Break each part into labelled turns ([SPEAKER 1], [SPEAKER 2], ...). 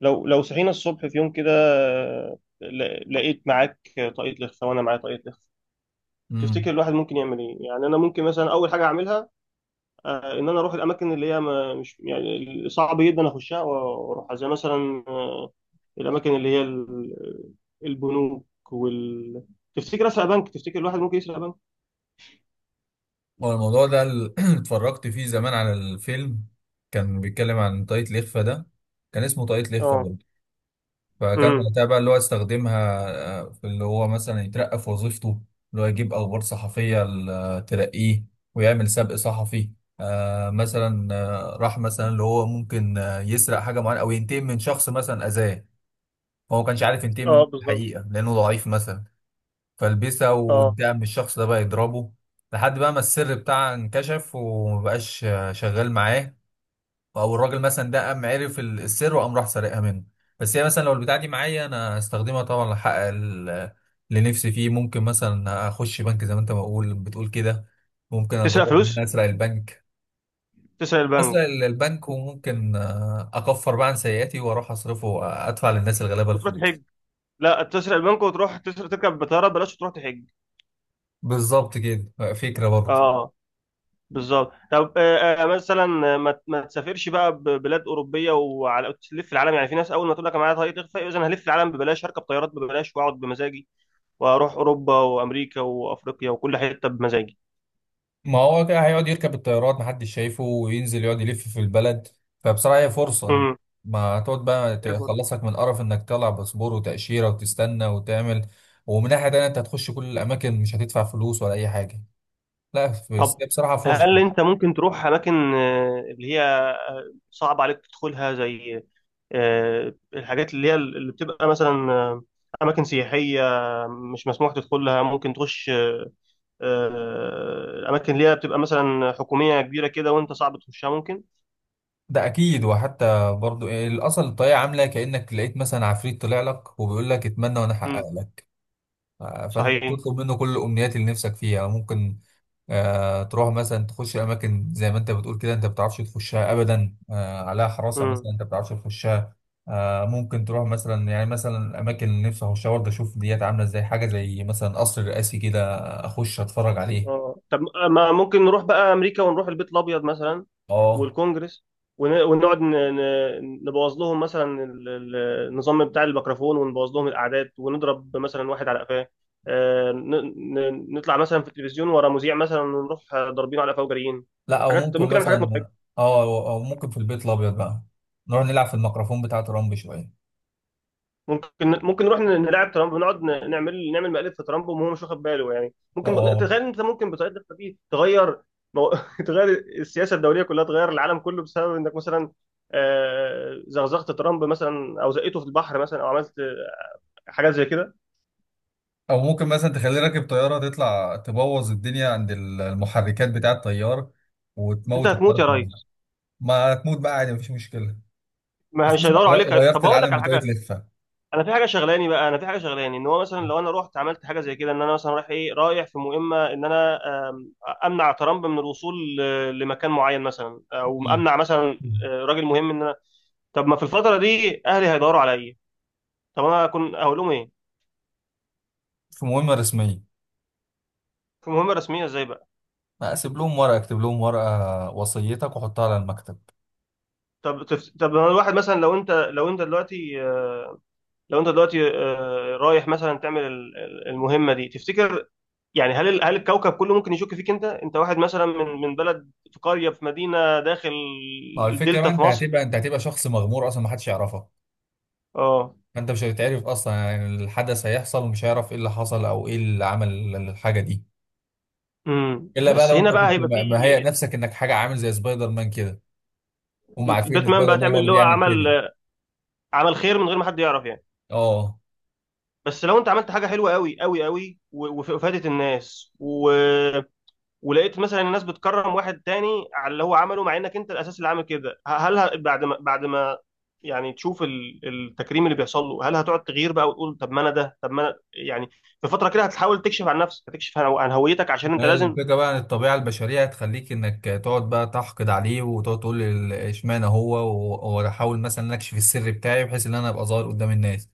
[SPEAKER 1] لو صحينا الصبح في يوم كده، لقيت معاك طاقية لخفة وأنا معايا طاقية لخفة. تفتكر
[SPEAKER 2] امم
[SPEAKER 1] الواحد ممكن يعمل إيه؟ يعني أنا ممكن مثلا أول حاجة أعملها، إن أنا أروح الأماكن اللي هي ما مش يعني صعب جدا أخشها وأروحها، زي مثلا الأماكن اللي هي البنوك وال تفتكر أسرق بنك؟ تفتكر الواحد ممكن يسرق بنك؟
[SPEAKER 2] هو الموضوع ده اتفرجت فيه زمان على الفيلم. كان بيتكلم عن طاقية الإخفاء ده، كان اسمه طاقية الإخفاء
[SPEAKER 1] اه.
[SPEAKER 2] برضه. فكان
[SPEAKER 1] امم.
[SPEAKER 2] وقتها بقى اللي هو استخدمها، في اللي هو مثلا يترقى في وظيفته، اللي هو يجيب أخبار صحفية ترقيه ويعمل سبق صحفي. مثلا راح مثلا اللي هو ممكن يسرق حاجة معينة أو ينتقم من شخص مثلا أذاه. هو ما كانش عارف ينتقم من
[SPEAKER 1] اه بالظبط.
[SPEAKER 2] الحقيقة لأنه ضعيف مثلا، فلبسه
[SPEAKER 1] اه.
[SPEAKER 2] وقدام الشخص ده بقى يضربه لحد بقى ما السر بتاعه انكشف ومبقاش شغال معاه. او الراجل مثلا ده قام عرف السر وقام راح سارقها منه. بس هي مثلا لو البتاعه دي معايا انا هستخدمها طبعا لحقق اللي نفسي فيه. ممكن مثلا اخش بنك زي ما انت بتقول كده، ممكن
[SPEAKER 1] تسرق
[SPEAKER 2] اجرب ان انا
[SPEAKER 1] فلوس؟
[SPEAKER 2] اسرق البنك.
[SPEAKER 1] تسرق
[SPEAKER 2] اسرق
[SPEAKER 1] البنك
[SPEAKER 2] البنك وممكن اكفر بقى عن سيئاتي واروح اصرفه وادفع للناس الغلابه
[SPEAKER 1] وتروح
[SPEAKER 2] الفلوس.
[SPEAKER 1] تحج؟ لا تسرق البنك وتروح تسرق تركب بطارة، بلاش تروح تحج.
[SPEAKER 2] بالظبط كده، فكره برضه.
[SPEAKER 1] اه بالظبط. طب مثلا ما تسافرش بقى ببلاد اوروبيه، وعلى تلف العالم. يعني في ناس اول ما تقول لك انا معايا طريق تخفى، اذا انا هلف العالم ببلاش، هركب طيارات ببلاش واقعد بمزاجي، واروح اوروبا وامريكا وافريقيا وكل حته بمزاجي.
[SPEAKER 2] ما هو كده هيقعد يركب الطيارات محدش شايفه وينزل يقعد يلف في البلد، فبصراحة هي فرصة.
[SPEAKER 1] امم.
[SPEAKER 2] ما هتقعد بقى تخلصك من قرف انك تطلع باسبور وتأشيرة وتستنى وتعمل، ومن ناحية تانية انت هتخش كل الأماكن، مش هتدفع فلوس ولا أي حاجة. لا بس
[SPEAKER 1] طب
[SPEAKER 2] هي بصراحة
[SPEAKER 1] هل
[SPEAKER 2] فرصة.
[SPEAKER 1] انت ممكن تروح اماكن اللي هي صعب عليك تدخلها، زي الحاجات اللي هي اللي بتبقى مثلا، اماكن سياحيه مش مسموح تدخلها، ممكن تخش آه، الاماكن اللي هي بتبقى مثلا حكوميه كبيره كده وانت صعب تخشها، ممكن.
[SPEAKER 2] ده أكيد، وحتى برضو إيه، الأصل الطريقة عاملة كأنك لقيت مثلا عفريت طلع لك وبيقول لك اتمنى وأنا
[SPEAKER 1] امم.
[SPEAKER 2] أحقق لك. فانت
[SPEAKER 1] صحيح.
[SPEAKER 2] بتطلب منه كل الامنيات اللي نفسك فيها. ممكن تروح مثلا تخش اماكن زي ما انت بتقول كده، انت ما بتعرفش تخشها ابدا، عليها حراسه
[SPEAKER 1] امم.
[SPEAKER 2] مثلا، انت ما بتعرفش تخشها. ممكن تروح مثلا، يعني مثلا اماكن اللي نفسي اخشها برضه، اشوف ديات عامله ازاي، حاجه زي مثلا قصر رئاسي كده، اخش اتفرج عليه.
[SPEAKER 1] اه. طب ما ممكن نروح بقى امريكا ونروح البيت الابيض مثلا،
[SPEAKER 2] اه،
[SPEAKER 1] والكونجرس، ونقعد نبوظ لهم مثلا النظام بتاع الميكروفون، ونبوظ لهم الاعداد، ونضرب مثلا واحد على قفاه. نطلع مثلا في التلفزيون ورا مذيع مثلا ونروح ضاربينه على قفاه وجاريين.
[SPEAKER 2] لا او
[SPEAKER 1] حاجات
[SPEAKER 2] ممكن
[SPEAKER 1] ممكن نعمل حاجات
[SPEAKER 2] مثلا.
[SPEAKER 1] مضحكه.
[SPEAKER 2] اه، او ممكن في البيت الابيض بقى نروح نلعب في الميكروفون بتاع ترامب شويه.
[SPEAKER 1] ممكن نروح نلعب ترامب، ونقعد نعمل مقلب في ترامب وهو مش واخد باله. يعني ممكن
[SPEAKER 2] اه،
[SPEAKER 1] تخيل انت ممكن بطريقتك دي تغير، مو... تغير السياسه الدوليه كلها، تغير العالم كله بسبب انك مثلا زغزغت ترامب مثلا، او زقيته في البحر مثلا، او عملت حاجات زي كده.
[SPEAKER 2] او ممكن مثلا تخليه راكب طياره، تطلع تبوظ الدنيا عند المحركات بتاع الطيار،
[SPEAKER 1] انت
[SPEAKER 2] وتموت
[SPEAKER 1] هتموت
[SPEAKER 2] الطياره
[SPEAKER 1] يا
[SPEAKER 2] كلها.
[SPEAKER 1] ريس.
[SPEAKER 2] ما تموت بقى عادي، مفيش مشكله. بس
[SPEAKER 1] ما مش
[SPEAKER 2] اسمع،
[SPEAKER 1] هيدوروا عليك.
[SPEAKER 2] غيرت
[SPEAKER 1] طب اقول لك
[SPEAKER 2] العالم
[SPEAKER 1] على
[SPEAKER 2] بطريقه
[SPEAKER 1] حاجه،
[SPEAKER 2] لفه.
[SPEAKER 1] انا في حاجه شغلاني ان هو مثلا لو انا رحت عملت حاجه زي كده، ان انا مثلا رايح ايه، رايح في مهمه، ان انا آم، امنع ترامب من الوصول لمكان معين مثلا، او
[SPEAKER 2] مم.
[SPEAKER 1] امنع مثلا راجل مهم، ان انا. طب ما في الفتره دي اهلي هيدوروا عليا. طب انا اكون اقول لهم ايه؟
[SPEAKER 2] في مهمه رسميه.
[SPEAKER 1] في مهمه رسميه ازاي بقى؟
[SPEAKER 2] اكتب لهم ورقه وصيتك وحطها على المكتب.
[SPEAKER 1] طب أنا الواحد مثلا، لو انت دلوقتي رايح مثلا تعمل المهمه دي، تفتكر يعني هل هل الكوكب كله ممكن يشك فيك؟ انت واحد مثلا من بلد في قريه في مدينه داخل
[SPEAKER 2] ما هو الفكرة بقى،
[SPEAKER 1] الدلتا في
[SPEAKER 2] انت
[SPEAKER 1] مصر.
[SPEAKER 2] هتبقى انت هتبقى شخص مغمور اصلا، ما حدش يعرفك،
[SPEAKER 1] اه.
[SPEAKER 2] فانت مش هتتعرف اصلا. يعني الحدث هيحصل ومش هيعرف ايه اللي حصل او ايه اللي عمل الحاجة دي.
[SPEAKER 1] امم.
[SPEAKER 2] الا بقى
[SPEAKER 1] بس
[SPEAKER 2] لو
[SPEAKER 1] هنا
[SPEAKER 2] انت
[SPEAKER 1] بقى
[SPEAKER 2] كنت
[SPEAKER 1] هيبقى في.
[SPEAKER 2] مهيئ نفسك انك حاجة عامل زي سبايدر مان كده، هم عارفين إن
[SPEAKER 1] باتمان
[SPEAKER 2] سبايدر
[SPEAKER 1] بقى،
[SPEAKER 2] مان
[SPEAKER 1] تعمل
[SPEAKER 2] هو اللي
[SPEAKER 1] اللي هو
[SPEAKER 2] بيعمل
[SPEAKER 1] عمل
[SPEAKER 2] كده.
[SPEAKER 1] عمل خير من غير ما حد يعرف يعني.
[SPEAKER 2] اه،
[SPEAKER 1] بس لو انت عملت حاجه حلوه قوي قوي قوي وفادت الناس، و ولقيت مثلا الناس بتكرم واحد تاني على اللي هو عمله، مع انك انت الاساس اللي عامل كده، هل بعد ما يعني تشوف التكريم اللي بيحصل له، هل هتقعد تغير بقى وتقول طب ما انا ده، طب ما انا يعني في فتره كده هتحاول تكشف عن نفسك، هتكشف عن هويتك، عشان
[SPEAKER 2] ما
[SPEAKER 1] انت
[SPEAKER 2] هي
[SPEAKER 1] لازم.
[SPEAKER 2] الفكرة بقى ان الطبيعة البشرية هتخليك انك تقعد بقى تحقد عليه وتقعد تقول، اشمعنى هو، وانا احاول مثلا اكشف السر بتاعي بحيث ان انا ابقى ظاهر قدام الناس.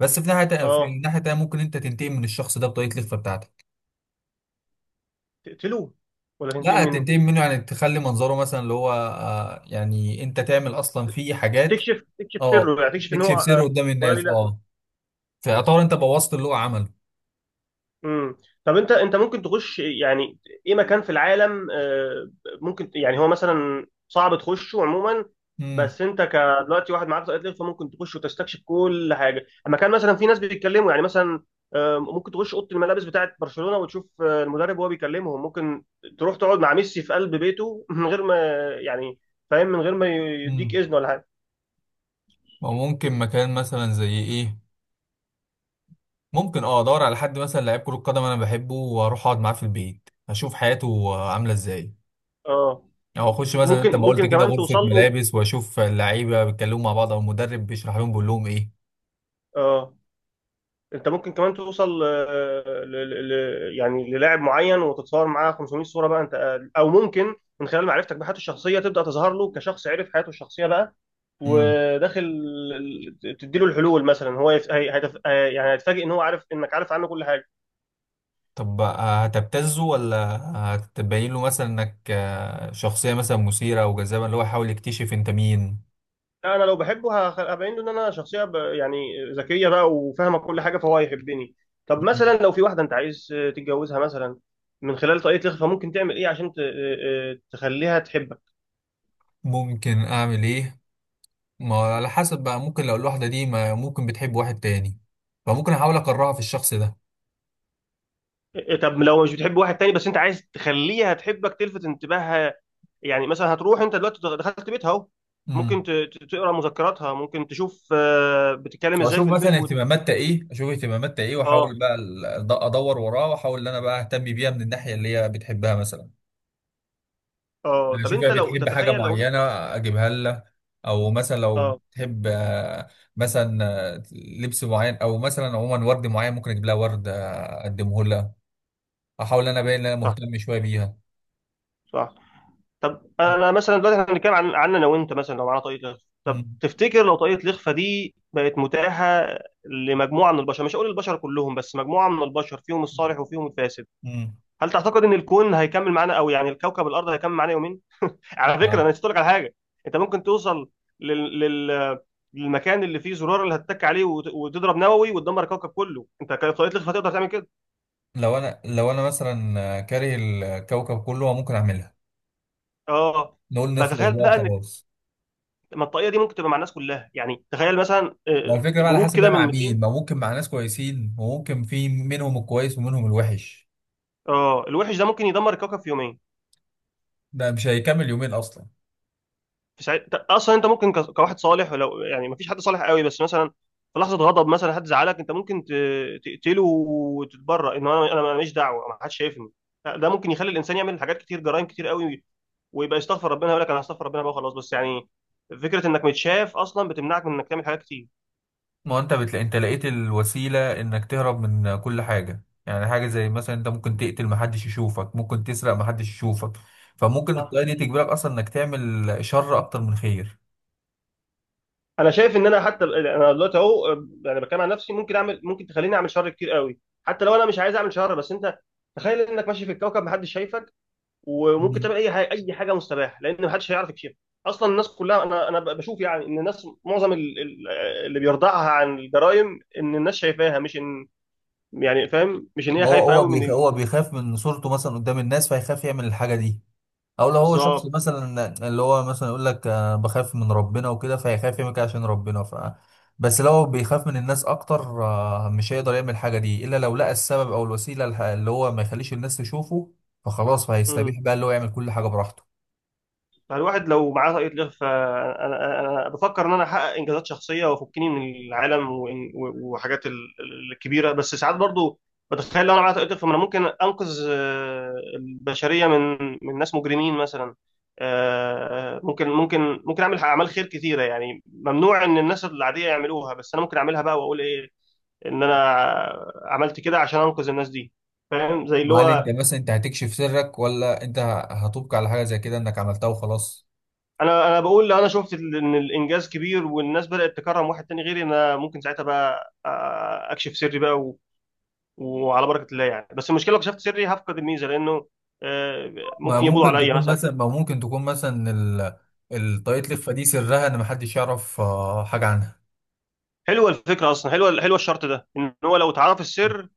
[SPEAKER 2] بس في ناحية في
[SPEAKER 1] اه.
[SPEAKER 2] الناحية التانية ممكن انت تنتقم من الشخص ده بطريقة الخفة بتاعتك.
[SPEAKER 1] تقتله ولا تنتقم
[SPEAKER 2] لا
[SPEAKER 1] منه؟
[SPEAKER 2] هتنتقم منه، يعني تخلي منظره مثلا اللي هو يعني انت تعمل اصلا فيه حاجات.
[SPEAKER 1] تكشف
[SPEAKER 2] اه،
[SPEAKER 1] سره يعني، تكشف ان هو
[SPEAKER 2] تكشف سره قدام
[SPEAKER 1] ولا ليه
[SPEAKER 2] الناس،
[SPEAKER 1] لازمه.
[SPEAKER 2] اه. فيعتبر انت بوظت اللي هو عمله.
[SPEAKER 1] امم. طب انت ممكن تخش يعني ايه مكان في العالم، ممكن يعني هو مثلا صعب تخشه عموما،
[SPEAKER 2] امم
[SPEAKER 1] بس انت كدلوقتي واحد معاك طاقه ليه، فممكن تخش وتستكشف كل حاجه. مكان مثلا في ناس بيتكلموا يعني مثلا، ممكن تخش اوضه الملابس بتاعه برشلونه وتشوف المدرب وهو بيكلمهم. ممكن تروح تقعد مع ميسي في قلب بيته من غير ما يعني فاهم، من غير ما يديك
[SPEAKER 2] امم
[SPEAKER 1] اذن ولا حاجه.
[SPEAKER 2] وممكن مكان مثلا زي ايه، ممكن ادور على حد مثلا لعيب كرة قدم انا بحبه، واروح اقعد معاه في البيت اشوف حياته عاملة ازاي،
[SPEAKER 1] اه
[SPEAKER 2] او اخش مثلا
[SPEAKER 1] ممكن
[SPEAKER 2] انت ما قلت
[SPEAKER 1] ممكن
[SPEAKER 2] كده
[SPEAKER 1] كمان توصل
[SPEAKER 2] غرفة
[SPEAKER 1] له.
[SPEAKER 2] ملابس، واشوف اللعيبة بيتكلموا مع بعض او المدرب بيشرح لهم بيقول لهم ايه.
[SPEAKER 1] اه انت ممكن كمان توصل يعني للاعب معين وتتصور معاه 500 صوره بقى انت، او ممكن من خلال معرفتك بحياته الشخصيه تبدا تظهر له كشخص عرف حياته الشخصيه بقى،
[SPEAKER 2] امم
[SPEAKER 1] وداخل تديله الحلول مثلا. هو يف... هي... هيتف... هي- يعني هيتفاجئ ان هو عارف انك عارف عنه كل حاجه.
[SPEAKER 2] طب هتبتزه ولا هتبين له مثلا انك شخصية مثلا مثيرة او جذابة اللي هو يحاول يكتشف انت مين؟
[SPEAKER 1] لا انا لو بحبه هبين له ان انا شخصيه يعني ذكيه بقى وفاهمه كل حاجه، فهو هيحبني. طب
[SPEAKER 2] مم.
[SPEAKER 1] مثلا لو في واحده انت عايز تتجوزها مثلا، من خلال طريقه الاخفاء ممكن تعمل ايه عشان ت... آه، آه، تخليها تحبك؟
[SPEAKER 2] ممكن اعمل ايه؟ ما هو على حسب بقى، ممكن لو الواحدة دي ما ممكن بتحب واحد تاني، فممكن احاول اكرهها في الشخص ده.
[SPEAKER 1] إيه، طب لو مش بتحب واحد تاني، بس انت عايز تخليها تحبك، تلفت انتباهها يعني، مثلا هتروح انت دلوقتي دخلت بيتها اهو،
[SPEAKER 2] مم.
[SPEAKER 1] ممكن تقرا مذكراتها، ممكن تشوف بتتكلم ازاي
[SPEAKER 2] اشوف
[SPEAKER 1] في البيت
[SPEAKER 2] مثلا اهتماماتها ايه،
[SPEAKER 1] اه.
[SPEAKER 2] واحاول بقى ادور وراها، واحاول ان انا بقى اهتم بيها من الناحيه اللي هي بتحبها مثلا.
[SPEAKER 1] اه،
[SPEAKER 2] يعني
[SPEAKER 1] طب
[SPEAKER 2] اشوف هي
[SPEAKER 1] انت لو
[SPEAKER 2] بتحب حاجه
[SPEAKER 1] تتخيل لو.
[SPEAKER 2] معينه، اجيبها لها. او مثلا لو
[SPEAKER 1] اه.
[SPEAKER 2] تحب مثلا لبس معين، او مثلا عموما ورد معين، ممكن اجيب لها ورد، اقدمه لها. احاول ان انا باين ان انا
[SPEAKER 1] صح.
[SPEAKER 2] مهتم شويه بيها.
[SPEAKER 1] صح. طب انا مثلا دلوقتي احنا بنتكلم عن انا وانت مثلا لو معانا طاقية لخفة. طب
[SPEAKER 2] مم.
[SPEAKER 1] تفتكر لو طاقية الإخفاء دي بقت متاحة لمجموعة من البشر، مش هقول البشر كلهم بس مجموعة من البشر فيهم الصالح وفيهم الفاسد،
[SPEAKER 2] مم.
[SPEAKER 1] هل تعتقد ان الكون هيكمل معانا؟ او يعني الكوكب الارض هيكمل معانا يومين؟ على فكره
[SPEAKER 2] يعني
[SPEAKER 1] انا نسيت لك على حاجه. انت ممكن توصل لل... لل... للمكان اللي فيه زرار اللي هتتك عليه وتضرب نووي وتدمر الكوكب كله، انت كطريقه لخفه هتقدر تعمل كده؟
[SPEAKER 2] لو انا مثلا كاره الكوكب كله ممكن اعملها،
[SPEAKER 1] اه
[SPEAKER 2] نقول
[SPEAKER 1] بقى،
[SPEAKER 2] نخلص
[SPEAKER 1] تخيل
[SPEAKER 2] بقى
[SPEAKER 1] بقى ان
[SPEAKER 2] وخلاص.
[SPEAKER 1] ما الطاقيه دي ممكن تبقى مع الناس كلها، يعني تخيل مثلا
[SPEAKER 2] ما هو الفكرة بقى على
[SPEAKER 1] جروب
[SPEAKER 2] حسب بقى
[SPEAKER 1] كده من
[SPEAKER 2] مع
[SPEAKER 1] 200.
[SPEAKER 2] مين. ما ممكن مع ناس كويسين، وممكن في منهم الكويس ومنهم الوحش.
[SPEAKER 1] اه الوحش ده ممكن يدمر الكوكب في يومين.
[SPEAKER 2] ده مش هيكمل يومين اصلا.
[SPEAKER 1] اصلا انت ممكن كواحد صالح، ولو يعني مفيش حد صالح قوي، بس مثلا في لحظه غضب مثلا حد زعلك، انت ممكن تقتله وتتبرأ ان انا، انا ماليش دعوه ما حدش شايفني. لا، ده ممكن يخلي الانسان يعمل حاجات كتير، جرائم كتير قوي، ويبقى يستغفر ربنا يقول لك انا هستغفر ربنا بقى خلاص. بس يعني فكره انك متشاف اصلا بتمنعك من انك تعمل حاجات كتير.
[SPEAKER 2] ما هو انت بتلاقي، انت لقيت الوسيله انك تهرب من كل حاجه، يعني حاجه زي مثلا انت ممكن تقتل محدش يشوفك، ممكن تسرق محدش يشوفك. فممكن
[SPEAKER 1] صح.
[SPEAKER 2] الطريقه دي تجبرك اصلا انك تعمل شر اكتر من خير.
[SPEAKER 1] انا شايف ان انا حتى انا دلوقتي اهو، يعني بتكلم عن نفسي، ممكن تخليني اعمل شر كتير قوي، حتى لو انا مش عايز اعمل شر. بس انت تخيل انك ماشي في الكوكب محدش شايفك وممكن
[SPEAKER 2] مم.
[SPEAKER 1] تعمل اي حاجه، اي حاجه مستباح لان محدش هيعرف يكشفها. اصلا الناس كلها، انا بشوف يعني ان الناس معظم اللي بيرضعها عن الجرائم ان الناس شايفاها، مش ان يعني فاهم، مش ان هي خايفه قوي من
[SPEAKER 2] هو بيخاف من صورته مثلا قدام الناس فيخاف يعمل الحاجه دي. او لو هو شخص
[SPEAKER 1] بالظبط.
[SPEAKER 2] مثلا اللي هو مثلا يقول لك بخاف من ربنا وكده، فهيخاف يعمل كده عشان ربنا ف. بس لو بيخاف من الناس اكتر مش هيقدر يعمل الحاجه دي الا لو لقى السبب او الوسيله اللي هو ما يخليش الناس تشوفه. فخلاص فهيستبيح بقى اللي هو يعمل كل حاجه براحته.
[SPEAKER 1] فالواحد لو معاه طاقة لغة، فأنا أنا بفكر إن أنا أحقق إنجازات شخصية وأفكني من العالم، وحاجات الكبيرة. بس ساعات برضو بتخيل لو أنا معايا طاقة لغة، فأنا ممكن أنقذ البشرية من ناس مجرمين مثلا، ممكن أعمل أعمال خير كتيرة، يعني ممنوع إن الناس العادية يعملوها بس أنا ممكن أعملها بقى وأقول إيه، إن أنا عملت كده عشان أنقذ الناس دي، فاهم زي اللي
[SPEAKER 2] هل انت
[SPEAKER 1] هو.
[SPEAKER 2] مثلا انت هتكشف سرك، ولا انت هتبقى على حاجه زي كده انك عملتها وخلاص؟
[SPEAKER 1] انا بقول لو انا شفت ان الانجاز كبير والناس بدات تكرم واحد تاني غيري، انا ممكن ساعتها بقى اكشف سري بقى وعلى بركه الله يعني. بس المشكله لو كشفت سري هفقد الميزه لانه، ممكن يبولوا عليا مثلا.
[SPEAKER 2] ما ممكن تكون مثلا الطاقية الإخفاء دي سرها ان محدش يعرف حاجه
[SPEAKER 1] حلوه الفكره اصلا، حلوه حلوه الشرط ده، ان هو لو اتعرف
[SPEAKER 2] عنها.
[SPEAKER 1] السر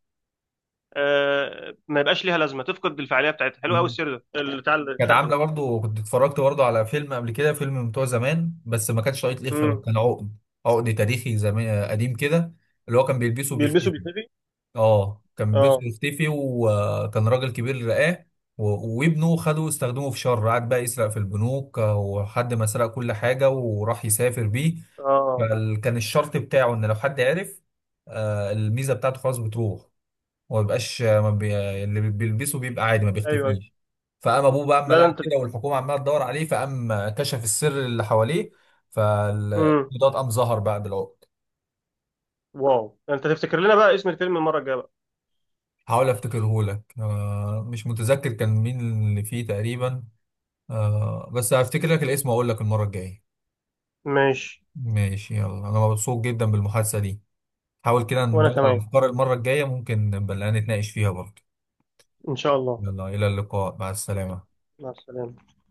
[SPEAKER 1] ما يبقاش ليها لازمه، تفقد الفعاليه بتاعتها. حلو قوي السر ده بتاع
[SPEAKER 2] كانت
[SPEAKER 1] الشرط
[SPEAKER 2] عامله
[SPEAKER 1] ده.
[SPEAKER 2] برضو، كنت اتفرجت برضو على فيلم قبل كده، فيلم من بتوع زمان، بس ما كانش طاقية لخفة بقى،
[SPEAKER 1] امم.
[SPEAKER 2] كان عقد. عقد تاريخي زمان قديم كده، اللي هو كان بيلبسه
[SPEAKER 1] بيلبسوا
[SPEAKER 2] وبيختفي.
[SPEAKER 1] بيتنبي.
[SPEAKER 2] اه، كان بيلبسه
[SPEAKER 1] اه.
[SPEAKER 2] وبيختفي، وكان راجل كبير رقاه، وابنه خده استخدمه في شر، قعد بقى يسرق في البنوك، وحد ما سرق كل حاجه وراح يسافر بيه.
[SPEAKER 1] اه.
[SPEAKER 2] فكان الشرط بتاعه ان لو حد عرف الميزه بتاعته خلاص بتروح، وما بيبقاش ما بي... اللي بيلبسه بيبقى عادي ما
[SPEAKER 1] ايوه ايوه.
[SPEAKER 2] بيختفيش. فقام ابوه بقى اما
[SPEAKER 1] لا ده
[SPEAKER 2] لقى
[SPEAKER 1] انت
[SPEAKER 2] كده والحكومه عماله تدور عليه، فقام كشف السر اللي حواليه.
[SPEAKER 1] امم.
[SPEAKER 2] فالضاد قام ظهر بقى بالعقد.
[SPEAKER 1] واو، ده انت تفتكر لنا بقى اسم الفيلم المره الجايه بقى.
[SPEAKER 2] حاول افتكره لك، مش متذكر كان مين اللي فيه تقريبا، بس هفتكر لك الاسم واقول لك المره الجايه.
[SPEAKER 1] ماشي.
[SPEAKER 2] ماشي، يلا انا مبسوط جدا بالمحادثه دي. حاول كده
[SPEAKER 1] وانا
[SPEAKER 2] ندور على
[SPEAKER 1] كمان.
[SPEAKER 2] الافكار المره الجايه، ممكن نبقى نتناقش فيها برضه.
[SPEAKER 1] إن شاء الله.
[SPEAKER 2] يلا الى اللقاء، مع السلامه.
[SPEAKER 1] مع السلامة.